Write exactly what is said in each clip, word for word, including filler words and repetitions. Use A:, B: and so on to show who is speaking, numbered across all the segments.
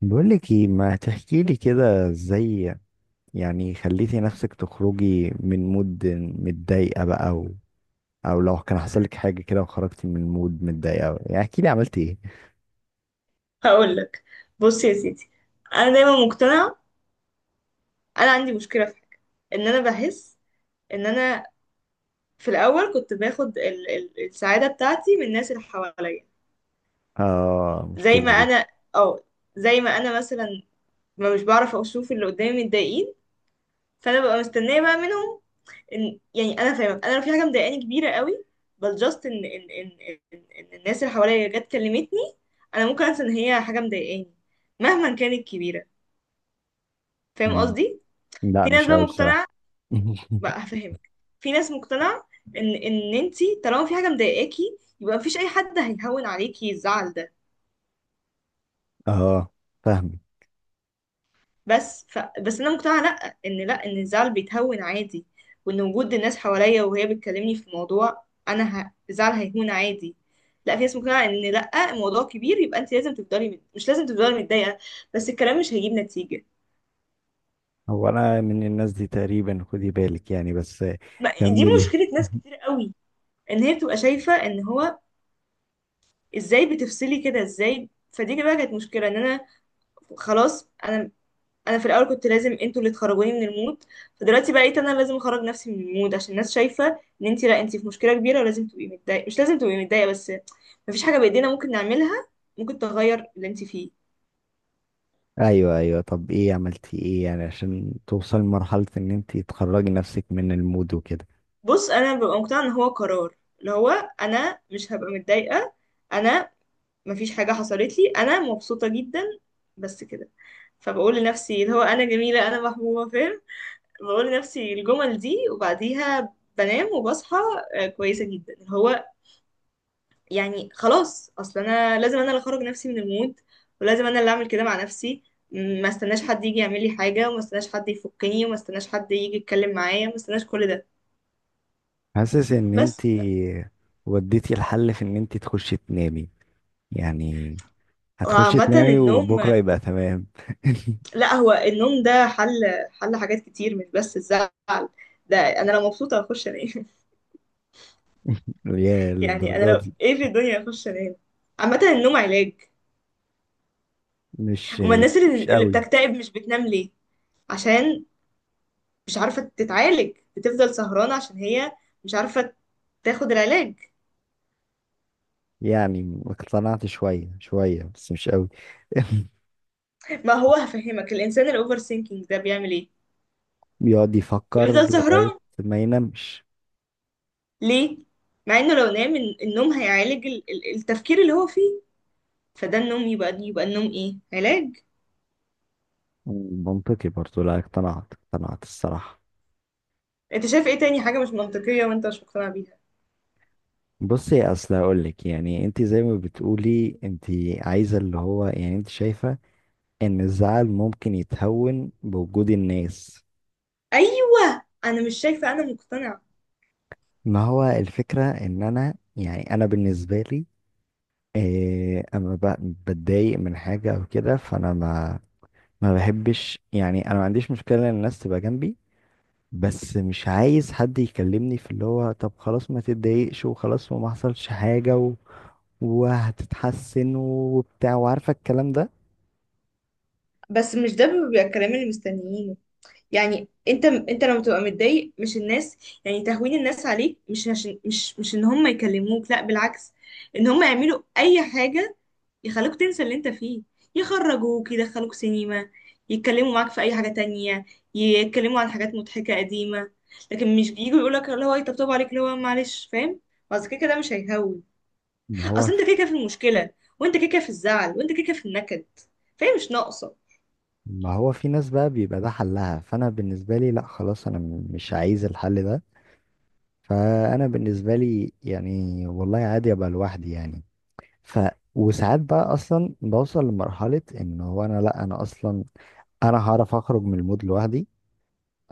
A: بقولك ايه ما تحكي لي كده ازاي؟ يعني خليتي نفسك تخرجي من مود متضايقة بقى، او او لو كان حصل لك حاجة كده وخرجتي من مود متضايقة، يعني احكي لي عملتي ايه؟
B: هقول لك. بص يا سيدي، انا دايما مقتنعه، انا عندي مشكله في حاجه، ان انا بحس ان انا في الاول كنت باخد ال ال السعاده بتاعتي من الناس اللي حواليا،
A: اه
B: زي
A: المشكلة
B: ما
A: دي.
B: انا، اه زي ما انا مثلا، ما مش بعرف اشوف اللي قدامي متضايقين، فانا ببقى مستنيه بقى منهم، إن يعني انا فاهمه، انا لو في حاجه مضايقاني كبيره قوي، بل جاست ان ان ان ان إن الناس اللي حواليا جت كلمتني، انا ممكن انسى ان هي حاجه مضايقاني مهما كانت كبيره. فاهم
A: مم.
B: قصدي؟
A: لا،
B: في ناس
A: مش
B: بقى
A: قوي بصراحة.
B: مقتنعه، بقى هفهمك. في ناس مقتنعة ان ان انتي طالما في حاجة مضايقاكي يبقى مفيش اي حد هيهون عليكي الزعل ده،
A: اه، فاهم.
B: بس ف... بس انا مقتنعة لا، ان لا ان الزعل بيتهون عادي، وان وجود الناس حواليا وهي بتكلمني في موضوع انا، ه... الزعل هيهون عادي. لا، في ناس مقتنعة ان لا، الموضوع كبير يبقى انت لازم تفضلي مت... مش لازم تفضلي متضايقة، بس الكلام مش هيجيب نتيجة.
A: هو انا من الناس دي تقريبا، خدي بالك يعني، بس
B: ما... دي
A: كملي.
B: مشكلة ناس كتير قوي. ان هي بتبقى شايفة ان هو، ازاي بتفصلي كده؟ ازاي؟ فدي بقى كانت مشكلة، ان انا خلاص انا، انا في الاول كنت لازم انتوا اللي تخرجوني من المود، فدلوقتي بقيت انا لازم اخرج نفسي من المود، عشان الناس شايفه ان انت، لا انت في مشكله كبيره ولازم تبقي متضايقه، مش لازم تبقي متضايقه بس، مفيش حاجه بايدينا ممكن نعملها، ممكن تغير اللي انت فيه.
A: ايوه ايوه، طب ايه عملتي ايه يعني عشان توصل لمرحلة ان انت تخرجي نفسك من المود وكده؟
B: بص، انا ببقى مقتنعه ان هو قرار، اللي هو انا مش هبقى متضايقه، انا مفيش حاجه حصلت لي، انا مبسوطه جدا، بس كده. فبقول لنفسي اللي هو انا جميله، انا محبوبه، فاهم؟ بقول لنفسي الجمل دي وبعديها بنام وبصحى. آه، كويسة جدا. هو يعني خلاص، اصل انا لازم انا اللي اخرج نفسي من المود، ولازم انا اللي اعمل كده مع نفسي. م- ما استناش حد يجي يعمل لي حاجة، وما استناش حد يفكني، وما استناش حد يجي يتكلم معايا، وما استناش كل ده،
A: حاسس ان انت
B: بس.
A: وديتي الحل في ان انت تخشي تنامي، يعني هتخشي
B: وعامة
A: تنامي
B: النوم.
A: وبكره يبقى تمام.
B: لا، هو النوم ده حل، حل حاجات كتير مش بس الزعل، ده انا لو مبسوطة هخش انام
A: يا
B: يعني انا
A: للدرجه
B: لو
A: دي!
B: ايه في الدنيا هخش انام. عامة النوم علاج.
A: مش
B: اما الناس
A: مش
B: اللي اللي
A: قوي.
B: بتكتئب مش بتنام ليه؟ عشان مش عارفة تتعالج، بتفضل سهرانة عشان هي مش عارفة تاخد العلاج.
A: يعني اقتنعت شويه شويه، بس مش قوي.
B: ما هو هفهمك، الإنسان الأوفر سينكينج ده بيعمل إيه؟
A: بيقعد يفكر
B: بيفضل
A: لغايه
B: سهران
A: ما ينامش.
B: ليه؟ مع إنه لو نام الن- النوم هيعالج ال- ال- التفكير اللي هو فيه، فده النوم يبقى يبقى النوم إيه؟ علاج.
A: منطقي برضو، لا اقتنعت اقتنعت الصراحه.
B: أنت شايف إيه تاني حاجة مش منطقية وأنت مش مقتنع بيها؟
A: بصي، اصل هقول لك يعني، انت زي ما بتقولي، انت عايزه اللي هو يعني، انت شايفه ان الزعل ممكن يتهون بوجود الناس.
B: أيوة، أنا مش شايفة، أنا مقتنعة.
A: ما هو الفكرة ان انا، يعني انا بالنسبة لي إيه اما ب- بتضايق من حاجة او كده، فانا ما ما بحبش. يعني انا ما عنديش مشكلة ان الناس تبقى جنبي، بس مش عايز حد يكلمني في اللي هو طب خلاص ما تتضايقش وخلاص وما حصلش حاجة و... وهتتحسن وبتاع، وعارفة الكلام ده.
B: بس مش ده بيبقى الكلام اللي مستنيينه، يعني انت انت لما تبقى متضايق مش الناس، يعني تهوين الناس عليك، مش عشان مش مش ان هم يكلموك، لا بالعكس، ان هم يعملوا اي حاجة يخلوك تنسى اللي انت فيه، يخرجوك يدخلوك سينما، يتكلموا معاك في اي حاجة تانية، يتكلموا عن حاجات مضحكة قديمة، لكن مش بييجوا يقولك اللي هو يطبطبوا عليك اللي هو معلش، فاهم؟ اصل كده كده مش هيهون،
A: ما هو
B: اصل انت كده كده في المشكلة، وانت كده كده في الزعل، وانت كده كده في النكد، فاهم؟ مش ناقصة.
A: ما هو في ناس بقى بيبقى ده حلها، فانا بالنسبة لي لا، خلاص انا مش عايز الحل ده. فانا بالنسبه لي يعني والله عادي ابقى لوحدي يعني. ف وساعات بقى اصلا بوصل لمرحله ان هو انا، لا انا اصلا انا هعرف اخرج من المود لوحدي.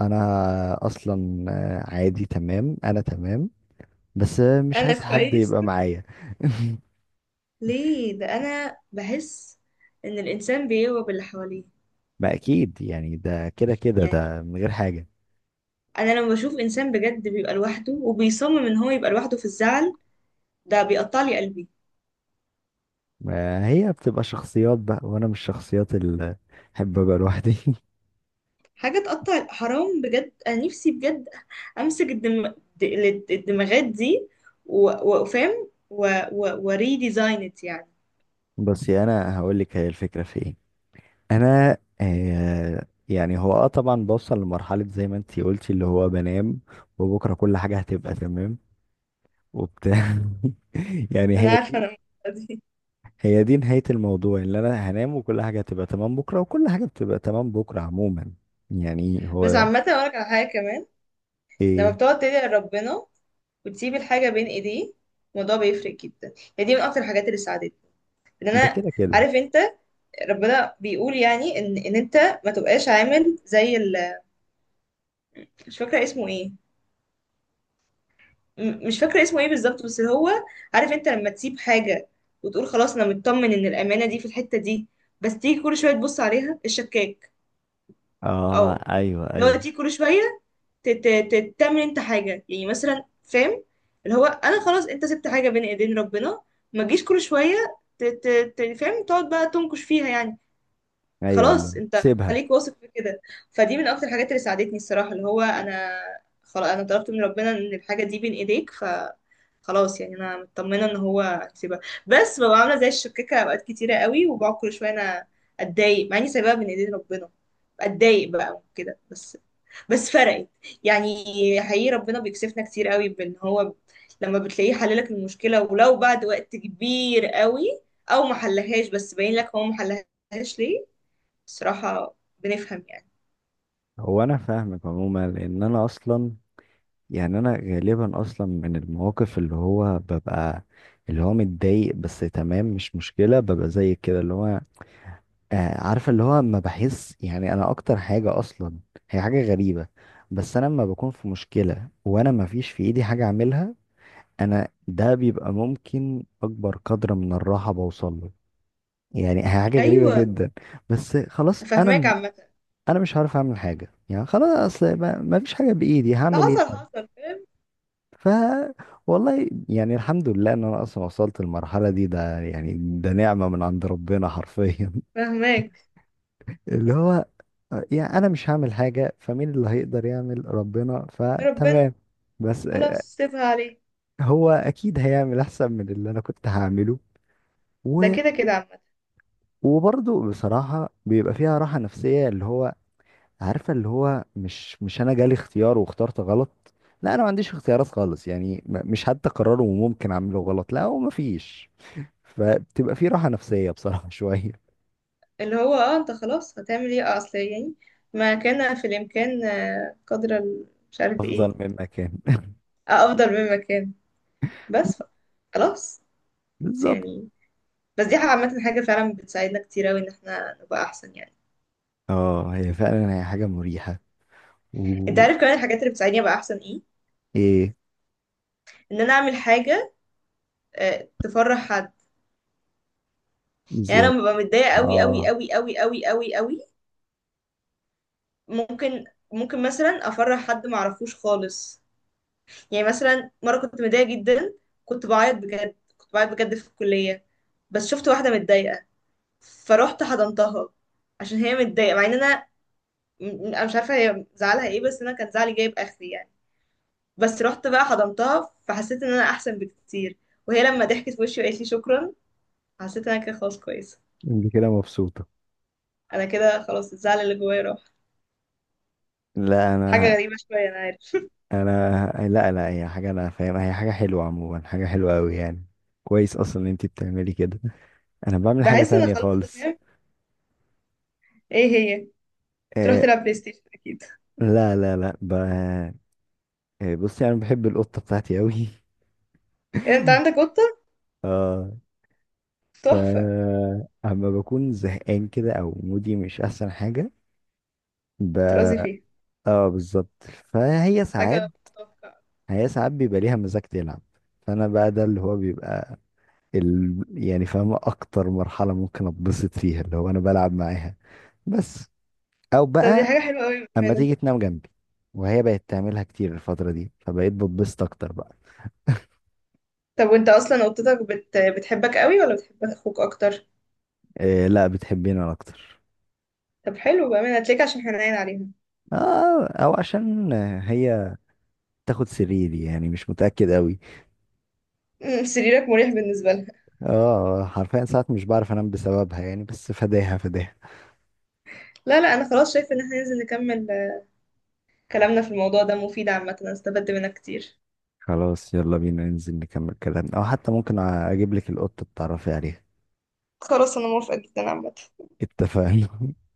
A: انا اصلا آه، عادي تمام، انا تمام، بس آه، مش عايز
B: انا
A: حد
B: كويس.
A: يبقى معايا.
B: ليه؟ ده انا بحس ان الانسان بيغرب اللي حواليه،
A: ما اكيد يعني، ده كده كده
B: يعني
A: ده من غير حاجه.
B: انا لما بشوف انسان بجد بيبقى لوحده وبيصمم ان هو يبقى لوحده في الزعل، ده بيقطع لي قلبي.
A: ما هي بتبقى شخصيات بقى، وانا مش الشخصيات اللي احب ابقى لوحدي.
B: حاجه تقطع، حرام بجد، انا نفسي بجد امسك الدم... د- الد- الدماغات دي و- وافهم و... و... وريديزاين ات يعني.
A: بس انا هقول لك هي الفكره في ايه. انا آه يعني هو اه طبعا بوصل لمرحلة زي ما انتي قلتي اللي هو بنام، وبكرة كل حاجة هتبقى تمام وبتاع. يعني
B: انا
A: هي
B: عارفه انا
A: دي
B: المشكلة دي.
A: هي دي نهاية الموضوع اللي انا هنام وكل حاجة هتبقى تمام بكرة، وكل حاجة بتبقى تمام بكرة عموما. يعني
B: بس
A: هو
B: عامه اقول لك على حاجه كمان. لما
A: ايه.
B: بتقعد تدعي لربنا وتسيب الحاجه بين ايديه، الموضوع بيفرق جدا، يعني دي من اكتر الحاجات اللي ساعدتني، ان
A: ده
B: انا،
A: كده كده.
B: عارف انت، ربنا بيقول يعني ان ان انت ما تبقاش عامل زي ال... مش فاكره اسمه ايه، م- مش فاكره اسمه ايه بالظبط، بس اللي هو عارف انت، لما تسيب حاجه وتقول خلاص انا مطمن ان الامانه دي في الحته دي، بس تيجي كل شويه تبص عليها، الشكاك.
A: اه
B: اه،
A: ايوه
B: اللي هو
A: ايوه
B: تيجي كل شويه ت- ت- ت- تعمل انت حاجه يعني، مثلا فاهم، اللي هو انا خلاص، انت سبت حاجه بين ايدين ربنا، ما تجيش كل شويه ت- ت- ت- فاهم تقعد بقى تنكش فيها يعني.
A: ايوه، اللي
B: خلاص انت
A: سيبها.
B: خليك واثق في كده. فدي من اكتر الحاجات اللي ساعدتني الصراحه، اللي هو انا خلاص، انا طلبت من ربنا ان الحاجه دي بين ايديك، فخلاص يعني انا مطمنه ان هو هيسيبها، بس ببقى عامله زي الشكاكه اوقات كتيره قوي، وبقعد كل شويه انا اتضايق مع اني سايباها بين ايدين ربنا، اتضايق بقى وكده بس، بس فرقت يعني. حقيقي ربنا بيكسفنا كتير قوي، بان هو لما بتلاقيه حللك المشكله ولو بعد وقت كبير قوي، او ما حلهاش بس باين لك هو ما حلهاش ليه، الصراحة بنفهم يعني.
A: هو انا فاهمك عموما، لان انا اصلا يعني انا غالبا اصلا من المواقف اللي هو ببقى اللي هو متضايق، بس تمام مش مشكلة، ببقى زي كده اللي هو آه عارفة اللي هو ما بحس، يعني انا اكتر حاجة اصلا هي حاجة غريبة. بس انا لما بكون في مشكلة وانا ما فيش في ايدي حاجة اعملها، انا ده بيبقى ممكن اكبر قدر من الراحة بوصل له. يعني هي حاجة غريبة
B: أيوة.
A: جدا. بس خلاص انا
B: فاهماك
A: م-
B: عامة.
A: انا مش عارف اعمل حاجة، يعني خلاص اصل ما ما فيش حاجة بايدي،
B: لا،
A: هعمل ايه؟
B: حصل حصل فاهم.
A: ف والله يعني الحمد لله ان انا اصلا وصلت المرحله دي، ده يعني ده نعمه من عند ربنا حرفيا.
B: فاهماك.
A: اللي هو يعني انا مش هعمل حاجه، فمين اللي هيقدر يعمل؟ ربنا،
B: ربنا.
A: فتمام. بس آه،
B: خلاص سيبها عليه،
A: هو اكيد هيعمل احسن من اللي انا كنت هعمله.
B: ده
A: و...
B: كده كده عامة.
A: وبرضه بصراحه بيبقى فيها راحه نفسيه اللي هو، عارفه اللي هو مش مش انا جالي اختيار واخترت غلط، لا، انا ما عنديش اختيارات خالص، يعني م- مش حتى قراره وممكن اعمله غلط، لا هو ما فيش. فبتبقى في راحة نفسية بصراحة، شوية
B: اللي هو، اه، انت خلاص هتعمل ايه؟ آه، اصل يعني، ما كان في الإمكان، آه، قدر ال- مش عارف ايه،
A: أفضل من مكان.
B: آه، أفضل مما كان، بس ف- خلاص. بس
A: بالظبط.
B: يعني، بس دي حاجة عامة، حاجة فعلا بتساعدنا كتير أوي إن احنا نبقى أحسن يعني.
A: اه، هي فعلا هي حاجة مريحة. و
B: انت عارف كمان الحاجات اللي بتساعدني أبقى أحسن ايه؟
A: ايه؟
B: إن أنا أعمل حاجة آه، تفرح حد. يعني
A: ازاي؟
B: انا ببقى متضايقه قوي قوي
A: اه،
B: قوي قوي قوي قوي قوي، ممكن ممكن مثلا افرح حد ما اعرفوش خالص. يعني مثلا مره كنت متضايقه جدا، كنت بعيط بجد، كنت بعيط بجد في الكليه، بس شفت واحده متضايقه، فروحت حضنتها عشان هي متضايقه، مع ان انا، م- انا مش عارفه هي زعلها ايه، بس انا كان زعلي جايب اخري يعني، بس رحت بقى حضنتها، فحسيت ان انا احسن بكتير. وهي لما ضحكت في وشي وقالت لي شكرا، حسيت ان انا كده خلاص كويسه،
A: انت كده مبسوطة؟
B: انا كده خلاص الزعل اللي جوايا راح.
A: لا
B: حاجه
A: انا.
B: غريبه شويه، انا عارف
A: انا لا لا، هي حاجة انا فاهمها، هي حاجة حلوة عموما، حاجة حلوة قوي يعني. كويس اصلا ان انت بتعملي كده. انا بعمل حاجة
B: بحس ان
A: تانية
B: خلاص أنا
A: خالص.
B: فاهم. ايه هي؟ تروح
A: آه
B: تلعب بلاي ستيشن اكيد.
A: لا لا لا، ب... آه، بصي انا بحب القطة بتاعتي قوي.
B: إيه، انت عندك قطة؟
A: اه، ف
B: تحفة.
A: اما بكون زهقان كده او مودي مش احسن حاجة. ب...
B: ترازي فيها.
A: اه بالظبط. فهي ساعات
B: حاجة تحفة.
A: هي ساعات بيبقى ليها مزاج تلعب. فانا بقى، ده اللي هو بيبقى ال... يعني فاهم اكتر مرحلة ممكن اتبسط فيها اللي هو انا بلعب معاها. بس او
B: طب دي
A: بقى
B: حاجة حلوة قوي
A: اما
B: بأمانة.
A: تيجي تنام جنبي، وهي بقت تعملها كتير الفترة دي، فبقيت بتبسط اكتر بقى.
B: طب وانت اصلا قطتك بت... بتحبك قوي ولا بتحب اخوك اكتر؟
A: إيه لا، بتحبني انا اكتر.
B: طب حلو بأمانة، هتلاقيك عشان حنين عليها.
A: اه او عشان هي تاخد سريري، يعني مش متأكد قوي.
B: أمم، سريرك مريح بالنسبة لها.
A: اه حرفيا ساعات مش بعرف انام بسببها، يعني بس فداها فداها.
B: لا لا، انا خلاص شايفة ان احنا ننزل نكمل آه، كلامنا. في الموضوع ده مفيد عامة، انا استفدت منك كتير.
A: خلاص يلا بينا ننزل نكمل كلامنا، او حتى ممكن اجيب لك القطة تتعرفي عليها.
B: خلاص انا موافقة جدا عامة.
A: اتفقنا.